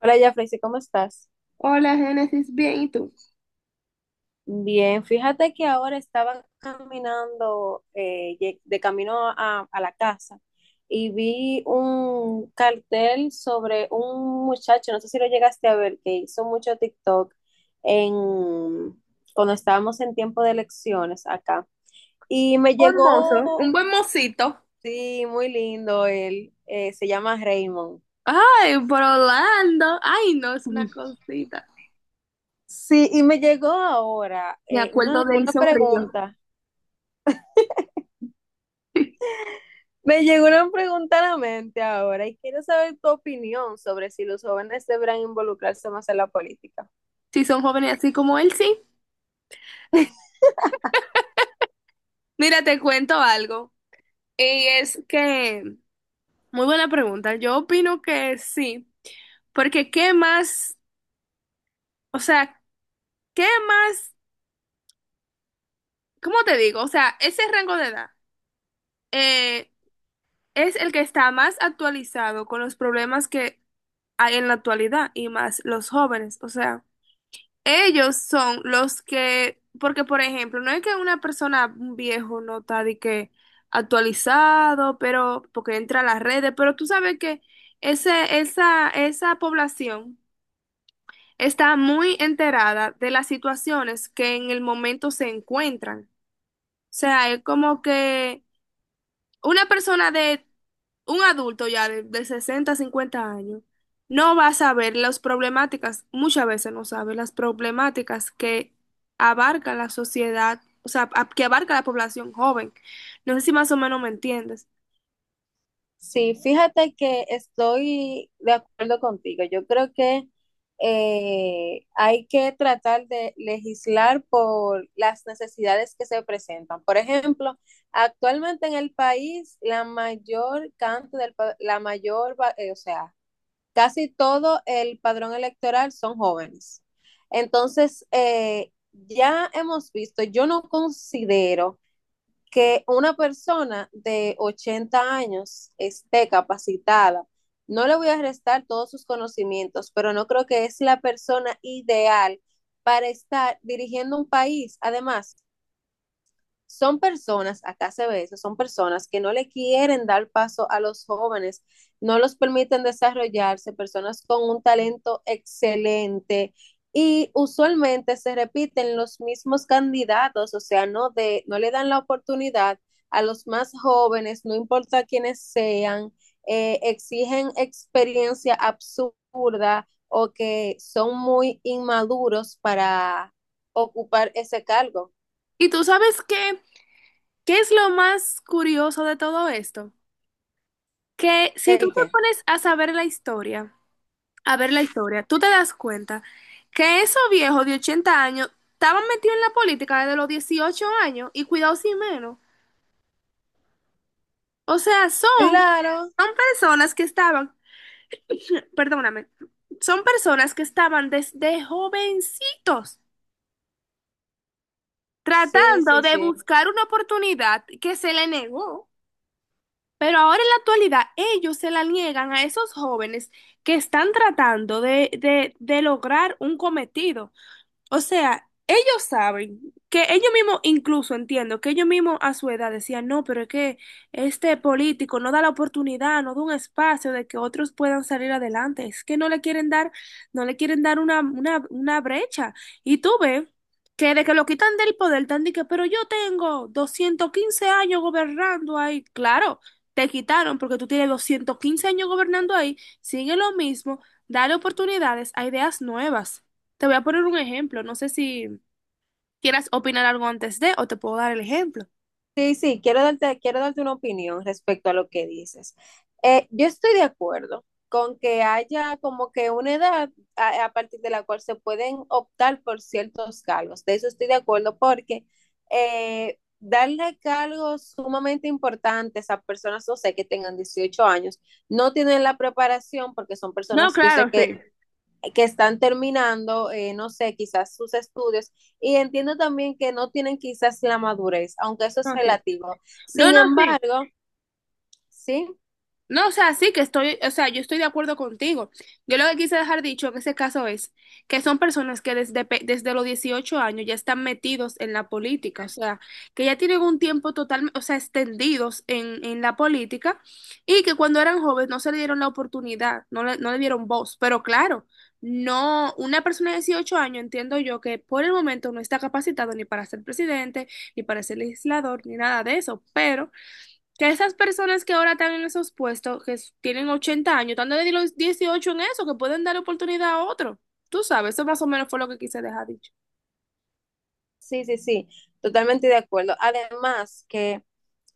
Hola, Jafrey, ¿cómo estás? Hola, Génesis, bien, ¿y tú? Bien, fíjate que ahora estaba caminando de camino a la casa y vi un cartel sobre un muchacho, no sé si lo llegaste a ver, que hizo mucho TikTok en, cuando estábamos en tiempo de elecciones acá. Y me Un llegó, mozo, un buen mocito. sí, muy lindo él, se llama Raymond. Ay, por Orlando. Ay, no, es una cosita. Sí, y me llegó ahora Me una, acuerdo de él una sonrío. pregunta. Me llegó una pregunta a la mente ahora y quiero saber tu opinión sobre si los jóvenes deberán involucrarse más en la política. Si son jóvenes así como él, sí. Mira, te cuento algo. Y es que, Muy buena pregunta. Yo opino que sí. Porque qué más, o sea, qué más, ¿cómo te digo? O sea, ese rango de edad eh, es el que está más actualizado con los problemas que hay en la actualidad y más los jóvenes. O sea. Ellos son los que, porque por ejemplo, no es que una persona, un viejo, no está de que actualizado, pero porque entra a las redes, pero tú sabes que esa población está muy enterada de las situaciones que en el momento se encuentran. O sea, es como que una persona de un adulto ya de 60 50 años no va a saber las problemáticas, muchas veces no sabe las problemáticas que abarca la sociedad, o sea, que abarca la población joven. No sé si más o menos me entiendes. Sí, fíjate que estoy de acuerdo contigo. Yo creo que hay que tratar de legislar por las necesidades que se presentan. Por ejemplo, actualmente en el país, la mayor cantidad del, pa- la mayor, va- o sea, casi todo el padrón electoral son jóvenes. Entonces, ya hemos visto, yo no considero que una persona de 80 años esté capacitada. No le voy a restar todos sus conocimientos, pero no creo que es la persona ideal para estar dirigiendo un país. Además, son personas, acá se ve eso, son personas que no le quieren dar paso a los jóvenes, no los permiten desarrollarse, personas con un talento excelente y usualmente se repiten los mismos candidatos, o sea, no, no le dan la oportunidad a los más jóvenes, no importa quiénes sean, exigen experiencia absurda o que son muy inmaduros para ocupar ese cargo. ¿Y tú sabes qué, qué es lo más curioso de todo esto? Que si tú ¿El te qué? pones a saber la historia, a ver la historia, tú te das cuenta que esos viejos de 80 años estaban metidos en la política desde los 18 años y cuidado sin menos. O sea, son, Claro, son personas que estaban, perdóname, son personas que estaban desde jovencitos sí, tratando sí, de sí. buscar una oportunidad que se le negó. Pero ahora en la actualidad ellos se la niegan a esos jóvenes que están tratando de lograr un cometido. O sea, ellos saben que ellos mismos, incluso entiendo, que ellos mismos a su edad decían, no, pero es que este político no da la oportunidad, no da un espacio de que otros puedan salir adelante. Es que no le quieren dar, no le quieren dar una brecha. Y tú ves que de que lo quitan del poder, están de que, pero yo tengo 215 años gobernando ahí. Claro, te quitaron porque tú tienes 215 años gobernando ahí. Sigue lo mismo, dale oportunidades a ideas nuevas. Te voy a poner un ejemplo. No sé si quieras opinar algo antes de o te puedo dar el ejemplo. Sí, sí, quiero darte una opinión respecto a lo que dices. Yo estoy de acuerdo con que haya como que una edad a partir de la cual se pueden optar por ciertos cargos. De eso estoy de acuerdo porque darle cargos sumamente importantes a personas, no sé, que tengan 18 años, no tienen la preparación porque son No, personas, yo sé claro, que sí. que están terminando, no sé, quizás sus estudios, y entiendo también que no tienen quizás la madurez, aunque eso es No, sí. relativo. No, Sin no, sí. embargo, sí, No, o sea, sí que estoy, o sea, yo estoy de acuerdo contigo. Yo lo que quise dejar dicho en ese caso es que son personas que desde, desde los 18 años ya están metidos en la política, o sea, que ya tienen un tiempo total, o sea, extendidos en la política y que cuando eran jóvenes no se le dieron la oportunidad, no le dieron voz. Pero claro, no, una persona de 18 años entiendo yo que por el momento no está capacitado ni para ser presidente, ni para ser legislador, ni nada de eso, pero que esas personas que ahora están en esos puestos, que tienen 80 años, están desde los 18 en eso, que pueden dar oportunidad a otro. Tú sabes, eso más o menos fue lo que quise dejar dicho. sí, sí, sí, totalmente de acuerdo. Además que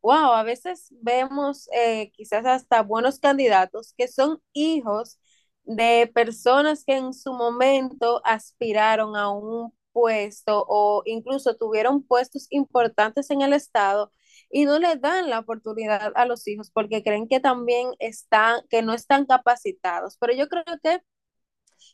wow, a veces vemos quizás hasta buenos candidatos que son hijos de personas que en su momento aspiraron a un puesto o incluso tuvieron puestos importantes en el Estado y no le dan la oportunidad a los hijos porque creen que también están, que no están capacitados. Pero yo creo que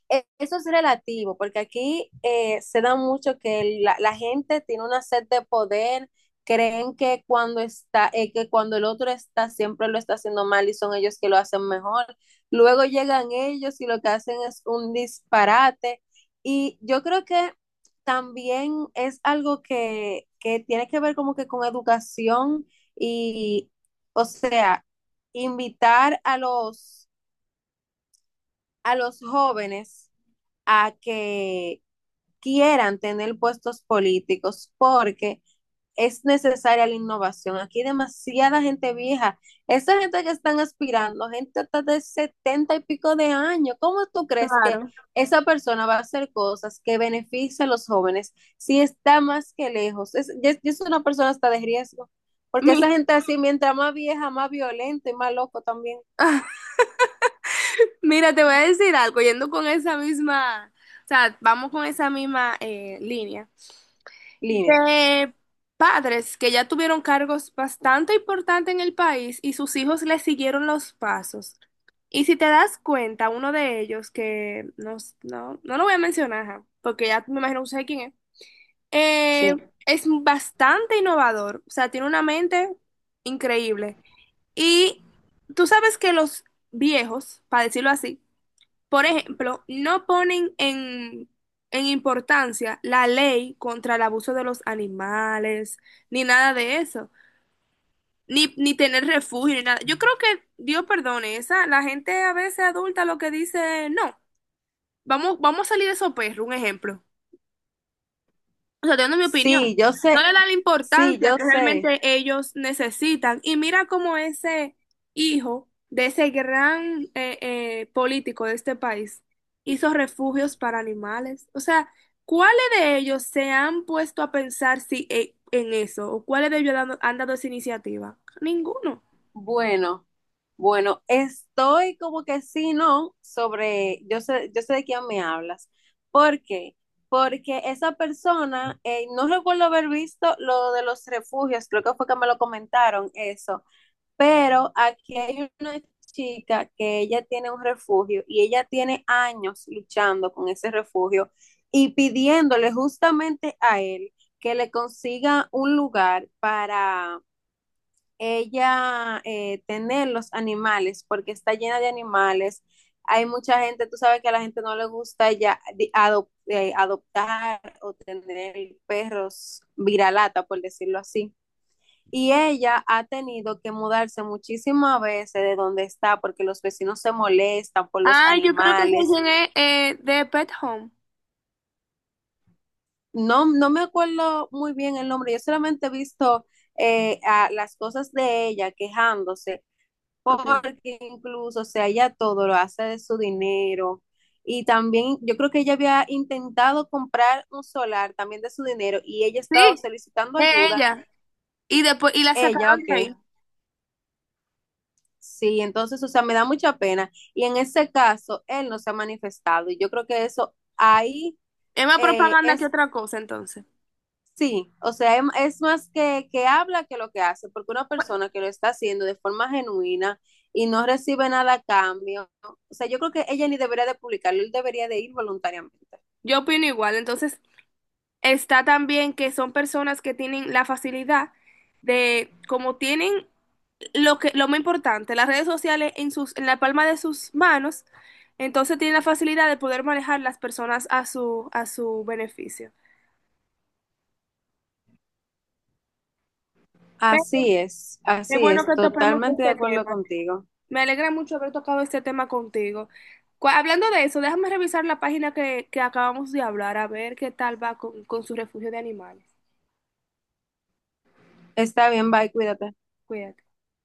eso es relativo, porque aquí se da mucho que la gente tiene una sed de poder, creen que cuando el otro está, siempre lo está haciendo mal y son ellos que lo hacen mejor. Luego llegan ellos y lo que hacen es un disparate. Y yo creo que también es algo que tiene que ver como que con educación y, o sea, invitar a los, jóvenes a que quieran tener puestos políticos porque es necesaria la innovación. Aquí hay demasiada gente vieja. Esa gente que están aspirando, gente hasta de setenta y pico de años, ¿cómo tú crees que Claro. esa persona va a hacer cosas que beneficien a los jóvenes si está más que lejos? Es una persona hasta de riesgo, porque Mi- esa gente así, mientras más vieja, más violenta y más loco también. Mira, te voy a decir algo, yendo con esa misma, o sea, vamos con esa misma línea. Línea, De padres que ya tuvieron cargos bastante importantes en el país y sus hijos le siguieron los pasos. Y si te das cuenta, uno de ellos, que no lo voy a mencionar, ajá, porque ya me imagino que sabes quién eh, sí. es bastante innovador, o sea, tiene una mente increíble. Y tú sabes que los viejos, para decirlo así, por ejemplo, no ponen en importancia la ley contra el abuso de los animales, ni nada de eso, ni tener refugio, ni nada. Yo creo que, Dios perdone, esa, la gente a veces adulta lo que dice, no, vamos a salir de esos perros, un ejemplo. O sea, dando mi opinión, Sí, yo no sé, le da la sí, importancia yo que sé. realmente ellos necesitan. Y mira cómo ese hijo de ese gran político de este país hizo refugios para animales. O sea, ¿cuáles de ellos se han puesto a pensar si, en eso? ¿O cuáles de ellos han dado esa iniciativa? Ninguno. Bueno, bueno, estoy como que sí, no, sobre, yo sé de quién me hablas. ¿Por qué? Porque esa persona, no recuerdo haber visto lo de los refugios, creo que fue que me lo comentaron eso, pero aquí hay una chica que ella tiene un refugio y ella tiene años luchando con ese refugio y pidiéndole justamente a él que le consiga un lugar ella tener los animales, porque está llena de animales. Hay mucha gente, tú sabes que a la gente no le gusta ya adoptar o tener perros viralata, por decirlo así. Y ella ha tenido que mudarse muchísimas veces de donde está porque los vecinos se molestan por los Ah, yo creo que sé animales. quién es de Pet Home. No, no me acuerdo muy bien el nombre, yo solamente he visto a las cosas de ella quejándose Okay. porque incluso, o sea, ella todo lo hace de su dinero. Y también yo creo que ella había intentado comprar un solar también de su dinero y ella estaba Sí, solicitando es ayuda. ella. Y después, y la Ella, sacaron de ok. ahí. Sí, entonces, o sea, me da mucha pena. Y en ese caso, él no se ha manifestado. Y yo creo que eso ahí Es más propaganda que es otra cosa, entonces. Sí, o sea, es más que habla que lo que hace, porque una persona que lo está haciendo de forma genuina y no recibe nada a cambio, o sea, yo creo que ella ni debería de publicarlo, él debería de ir voluntariamente. Yo opino igual. Entonces, está también que son personas que tienen la facilidad de, como tienen lo que, lo más importante, las redes sociales en la palma de sus manos, entonces tienen la facilidad de poder manejar las personas a su beneficio. Pero qué Así bueno es, que topemos totalmente de este acuerdo tema. contigo. Me alegra mucho haber tocado este tema contigo. Hablando de eso, déjame revisar la página que acabamos de hablar, a ver qué tal va con su refugio de animales. Está bien, bye, cuídate. Cuídate.